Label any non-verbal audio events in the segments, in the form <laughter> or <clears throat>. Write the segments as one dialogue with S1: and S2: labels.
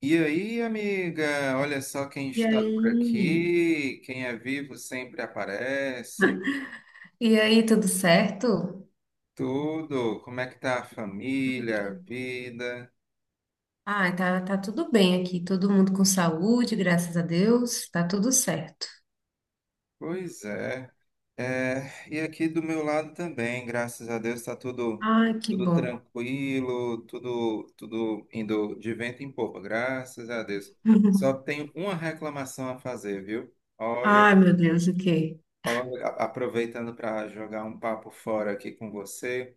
S1: E aí, amiga, olha só quem
S2: E
S1: está por
S2: aí?
S1: aqui. Quem é vivo sempre aparece.
S2: E aí, tudo certo?
S1: Tudo. Como é que tá a
S2: Ai,
S1: família,
S2: que
S1: a
S2: bom.
S1: vida?
S2: Ai, tá tudo bem aqui. Todo mundo com saúde, graças a Deus. Tá tudo certo.
S1: Pois é. É, e aqui do meu lado também, graças a Deus, está tudo
S2: Ai, que bom.
S1: tranquilo, tudo indo de vento em popa, graças a Deus. Só
S2: <laughs>
S1: tenho uma reclamação a fazer, viu? Olha,
S2: Ai, meu Deus, o quê?
S1: aproveitando para jogar um papo fora aqui com você.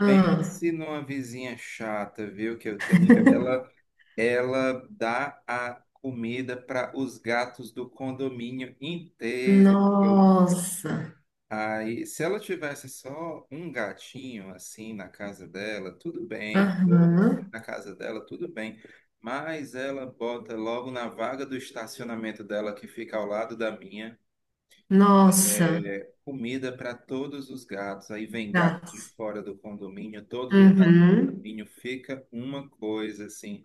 S2: Ah,
S1: Pense numa vizinha chata, viu, que eu tenho. Ela dá a comida para os gatos do condomínio inteiro.
S2: nossa.
S1: Aí, se ela tivesse só um gatinho assim na casa dela, tudo bem. Dois
S2: Aham.
S1: na casa dela, tudo bem. Mas ela bota logo na vaga do estacionamento dela, que fica ao lado da minha.
S2: Nossa.
S1: É, comida para todos os gatos. Aí vem
S2: Tá.
S1: gato de fora do condomínio, todos os gatos do
S2: Uhum.
S1: condomínio fica uma coisa assim.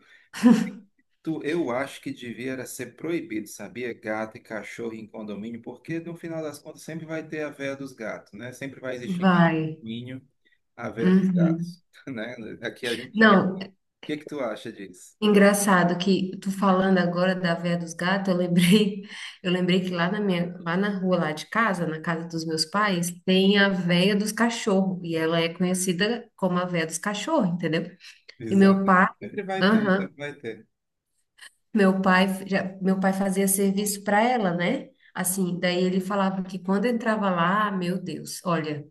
S1: Tu, eu acho que devia era ser proibido, sabia? Gato e cachorro em condomínio, porque no final das contas sempre vai ter a veia dos gatos, né? Sempre vai existir em cada
S2: Vai.
S1: condomínio a veia dos
S2: Uhum.
S1: gatos, <laughs> né? Aqui a gente chama.
S2: Não,
S1: O que que tu acha disso?
S2: engraçado que tu falando agora da Véia dos Gatos, eu lembrei, <laughs> eu lembrei que lá na minha, lá na rua lá de casa, na casa dos meus pais, tem a Véia dos Cachorros, e ela é conhecida como a Véia dos Cachorros, entendeu? E meu
S1: Exato.
S2: pai,
S1: Sempre vai ter,
S2: aham,
S1: sempre vai ter.
S2: meu pai, meu pai fazia serviço para ela, né? Assim, daí ele falava que quando entrava lá, meu Deus, olha,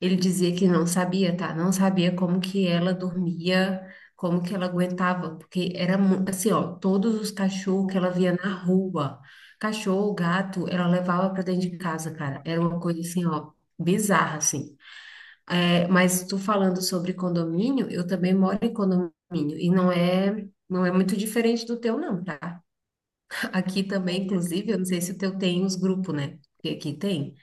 S2: ele dizia que não sabia, tá? Não sabia como que ela dormia, como que ela aguentava, porque era assim, ó, todos os cachorros que ela via na rua, cachorro, gato, ela levava para dentro de casa, cara. Era uma coisa assim, ó, bizarra, assim. É, mas tu falando sobre condomínio, eu também moro em condomínio e não é muito diferente do teu, não, tá? Aqui também, inclusive, eu não sei se o teu tem os grupos, né? Porque aqui tem.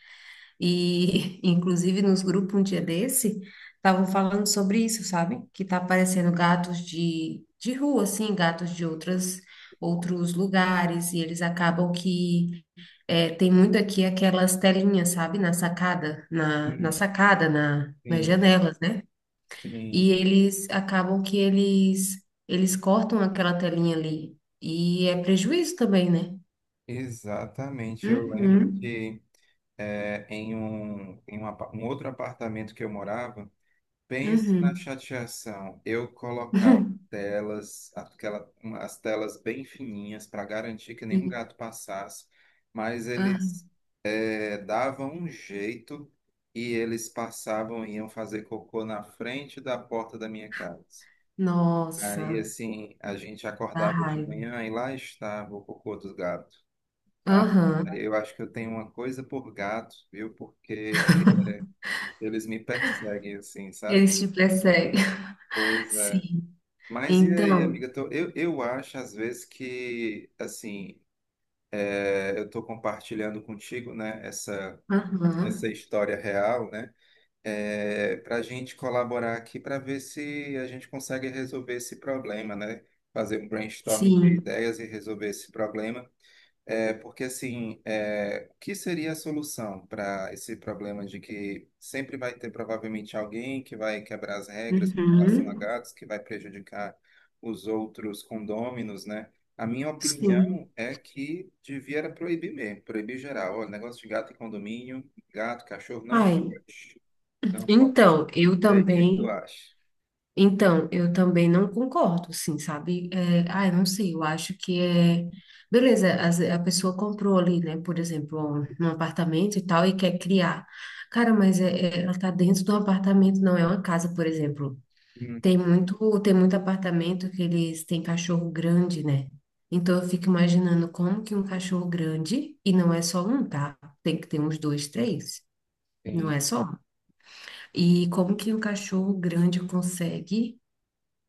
S2: E, <laughs> inclusive, nos grupos um dia desse, estavam falando sobre isso, sabe? Que tá aparecendo gatos de rua, assim, gatos de outros lugares, e eles acabam que é, tem muito aqui aquelas telinhas, sabe? Na sacada, na
S1: Sim,
S2: sacada, nas
S1: sim,
S2: janelas, né? E
S1: sim.
S2: eles acabam que eles cortam aquela telinha ali. E é prejuízo também, né?
S1: Exatamente. Eu lembro
S2: Uhum,
S1: que em um, um outro apartamento que eu morava, pense na
S2: uhum.
S1: chateação. Eu colocava
S2: <laughs>
S1: telas, as telas bem fininhas para garantir que nenhum
S2: Sim.
S1: gato passasse, mas
S2: Ah,
S1: eles davam um jeito e eles passavam e iam fazer cocô na frente da porta da minha casa. Aí,
S2: nossa.
S1: assim, a gente
S2: Dá
S1: acordava de
S2: raiva.
S1: manhã e lá estava o cocô dos gatos. Ah,
S2: Aham.
S1: eu acho que eu tenho uma coisa por gato, viu? Porque eles me perseguem, assim, sabe?
S2: Eles te perseguem. <laughs>
S1: Pois é.
S2: Sim.
S1: Mas e aí,
S2: Então,
S1: amiga? Eu acho, às vezes, que, assim, eu estou compartilhando contigo, né,
S2: aham.
S1: essa história real, né, para a gente colaborar aqui para ver se a gente consegue resolver esse problema, né? Fazer um brainstorming de
S2: Sim.
S1: ideias e resolver esse problema. É, porque assim, é, o que seria a solução para esse problema de que sempre vai ter provavelmente alguém que vai quebrar as regras com relação a
S2: Uhum.
S1: gatos, que vai prejudicar os outros condôminos, né? A minha opinião
S2: Sim.
S1: é que devia era proibir mesmo, proibir geral. Olha, negócio de gato em condomínio, gato, cachorro, não
S2: Ai.
S1: pode, não pode.
S2: Então, eu
S1: E aí, o que que tu
S2: também.
S1: acha?
S2: Então, eu também não concordo, assim, sabe? É, ai, não sei, eu acho que é. Beleza, a pessoa comprou ali, né, por exemplo, um apartamento e tal, e quer criar. Cara, mas é, ela tá dentro de um apartamento, não é uma casa, por exemplo.
S1: Hum,
S2: Tem muito apartamento que eles têm cachorro grande, né? Então eu fico imaginando como que um cachorro grande, e não é só um, tá? Tem que ter uns dois, três, não é
S1: Sim.
S2: só um. E como que um cachorro grande consegue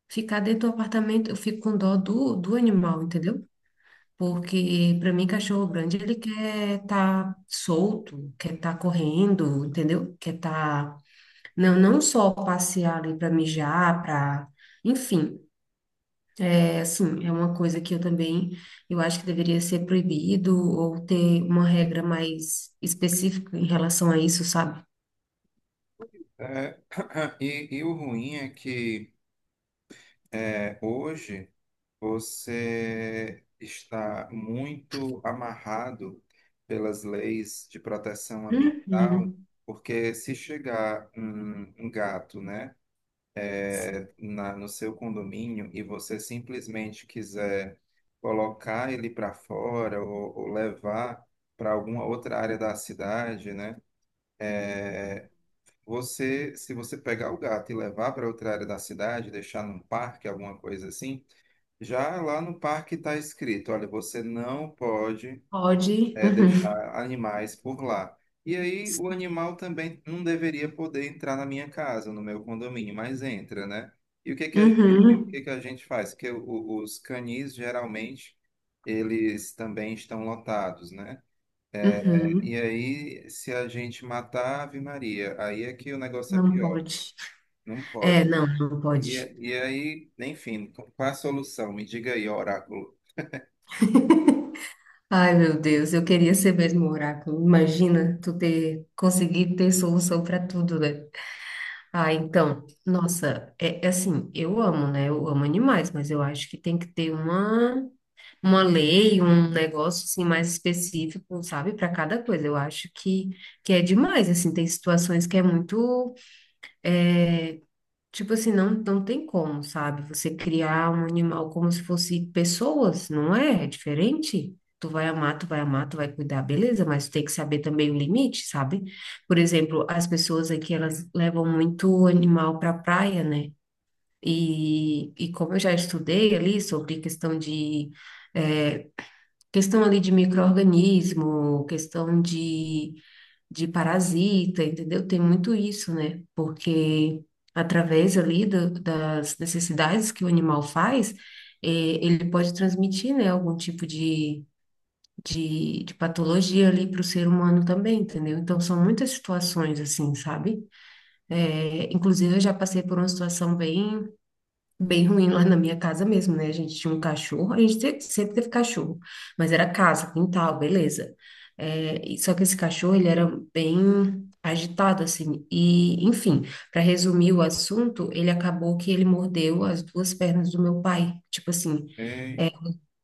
S2: ficar dentro do apartamento? Eu fico com dó do, do animal, entendeu? Porque para mim, cachorro grande, ele quer estar solto, quer estar correndo, entendeu? Quer estar. Não, não só passear ali para mijar, para. Enfim, é, assim, é uma coisa que eu também, eu acho que deveria ser proibido ou ter uma regra mais específica em relação a isso, sabe?
S1: É, <clears throat> e o ruim é que hoje você está muito amarrado pelas leis de proteção ambiental,
S2: Uhum.
S1: porque se chegar um gato, né,
S2: Sim.
S1: no seu condomínio e você simplesmente quiser colocar ele para fora ou levar para alguma outra área da cidade, né, você, se você pegar o gato e levar para outra área da cidade, deixar num parque, alguma coisa assim já lá no parque está escrito, olha, você não pode
S2: Pode. Uhum.
S1: deixar animais por lá. E aí o animal também não deveria poder entrar na minha casa, no meu condomínio, mas entra, né? E o que que a gente, o
S2: Uhum.
S1: que que a gente faz? Porque os canis geralmente eles também estão lotados, né? E
S2: Uhum.
S1: aí se a gente matar a Ave Maria, aí é que o negócio é
S2: Não
S1: pior.
S2: pode.
S1: Não
S2: É,
S1: pode.
S2: não, não
S1: E,
S2: pode.
S1: e aí, enfim, qual a solução? Me diga aí, oráculo.
S2: Ai, meu Deus, eu queria ser mesmo um oráculo. Imagina tu ter conseguido ter solução para tudo, né? Ah, então, nossa, é, é assim, eu amo, né? Eu amo animais, mas eu acho que tem que ter uma lei, um negócio assim mais específico, sabe, para cada coisa. Eu acho que é demais, assim, tem situações que é muito, tipo assim, não tem como, sabe? Você criar um animal como se fosse pessoas, não é? É diferente. Tu vai amar, tu vai amar, tu vai cuidar, beleza, mas tem que saber também o limite, sabe? Por exemplo, as pessoas aqui, elas levam muito animal para praia, né? E como eu já estudei ali sobre questão de eh, questão ali de micro-organismo, questão de parasita, entendeu? Tem muito isso, né? Porque através ali das necessidades que o animal faz, eh, ele pode transmitir, né, algum tipo de patologia ali para o ser humano também, entendeu? Então, são muitas situações assim, sabe? Inclusive, eu já passei por uma situação bem bem ruim lá na minha casa mesmo, né? A gente tinha um cachorro, sempre teve cachorro, mas era casa, quintal, beleza. É, e só que esse cachorro, ele era bem agitado, assim, e, enfim, para resumir o assunto, ele acabou que ele mordeu as duas pernas do meu pai, tipo assim,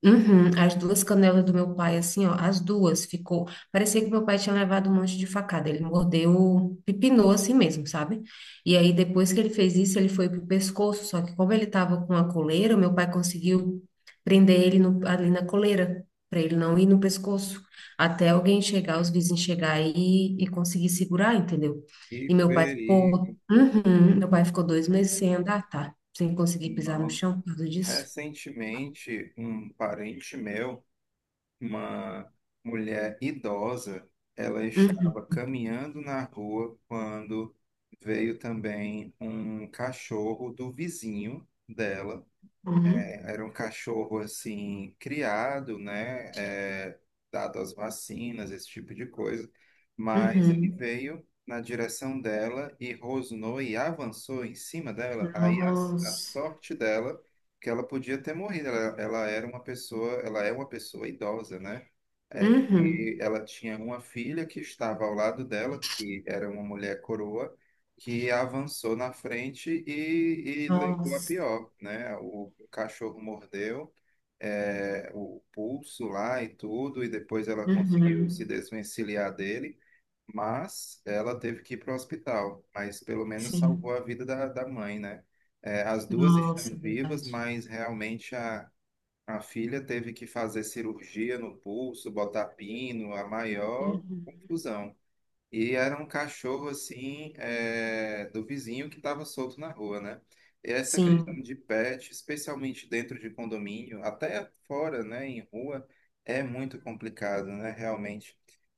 S2: uhum, as duas canelas do meu pai, assim, ó, as duas ficou. Parecia que meu pai tinha levado um monte de facada. Ele mordeu, pepinou assim mesmo, sabe? E aí, depois que ele fez isso, ele foi pro pescoço. Só que, como ele tava com a coleira, meu pai conseguiu prender ele ali na coleira, para ele não ir no pescoço. Até alguém chegar, os vizinhos chegar e conseguir segurar, entendeu? E
S1: E
S2: meu pai ficou.
S1: Ferinaldo.
S2: Uhum, meu pai ficou 2 meses sem andar, tá? Sem conseguir pisar no chão por causa disso.
S1: Recentemente, um parente meu, uma mulher idosa, ela
S2: Uhum.
S1: estava caminhando na rua quando veio também um cachorro do vizinho dela.
S2: Uhum.
S1: É, era um cachorro assim criado, né, dado as vacinas, esse tipo de coisa, mas ele
S2: Uhum.
S1: veio na direção dela e rosnou e avançou em cima dela. A
S2: Nossa.
S1: sorte dela que ela podia ter morrido. Ela era uma pessoa, ela é uma pessoa idosa, né? É que
S2: Uhum.
S1: ela tinha uma filha que estava ao lado dela, que era uma mulher coroa que avançou na frente e levou a
S2: Nossa.
S1: pior, né? O cachorro mordeu o pulso lá e tudo, e depois ela conseguiu se
S2: Uhum.
S1: desvencilhar dele, mas ela teve que ir para o hospital, mas pelo menos salvou
S2: Sim.
S1: a vida da mãe, né? É, as duas
S2: Nossa,
S1: estão
S2: é
S1: vivas,
S2: verdade.
S1: mas realmente a filha teve que fazer cirurgia no pulso, botar pino, a maior
S2: Uhum.
S1: confusão. E era um cachorro assim, é, do vizinho que estava solto na rua, né? E essa questão
S2: Sim.
S1: de pet, especialmente dentro de condomínio, até fora, né, em rua, é muito complicado, né, realmente.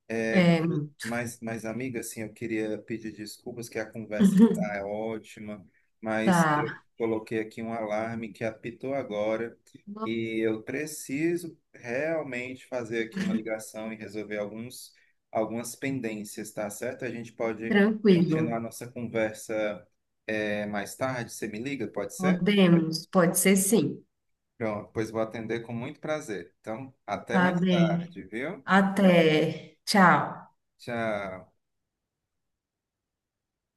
S1: É,
S2: É. Uhum.
S1: mas, amiga, assim, eu queria pedir desculpas que a conversa
S2: <laughs>
S1: tá ótima, mas eu
S2: Tá.
S1: coloquei aqui um alarme que apitou agora e eu preciso realmente fazer aqui uma ligação e resolver alguns algumas pendências, tá certo? A gente pode continuar
S2: Tranquilo.
S1: a nossa conversa é, mais tarde. Você me liga, pode ser?
S2: Podemos. Pode ser sim.
S1: Pronto, pois vou atender com muito prazer. Então, até
S2: Tá
S1: mais
S2: bem.
S1: tarde, viu?
S2: Até. Tchau.
S1: Tchau.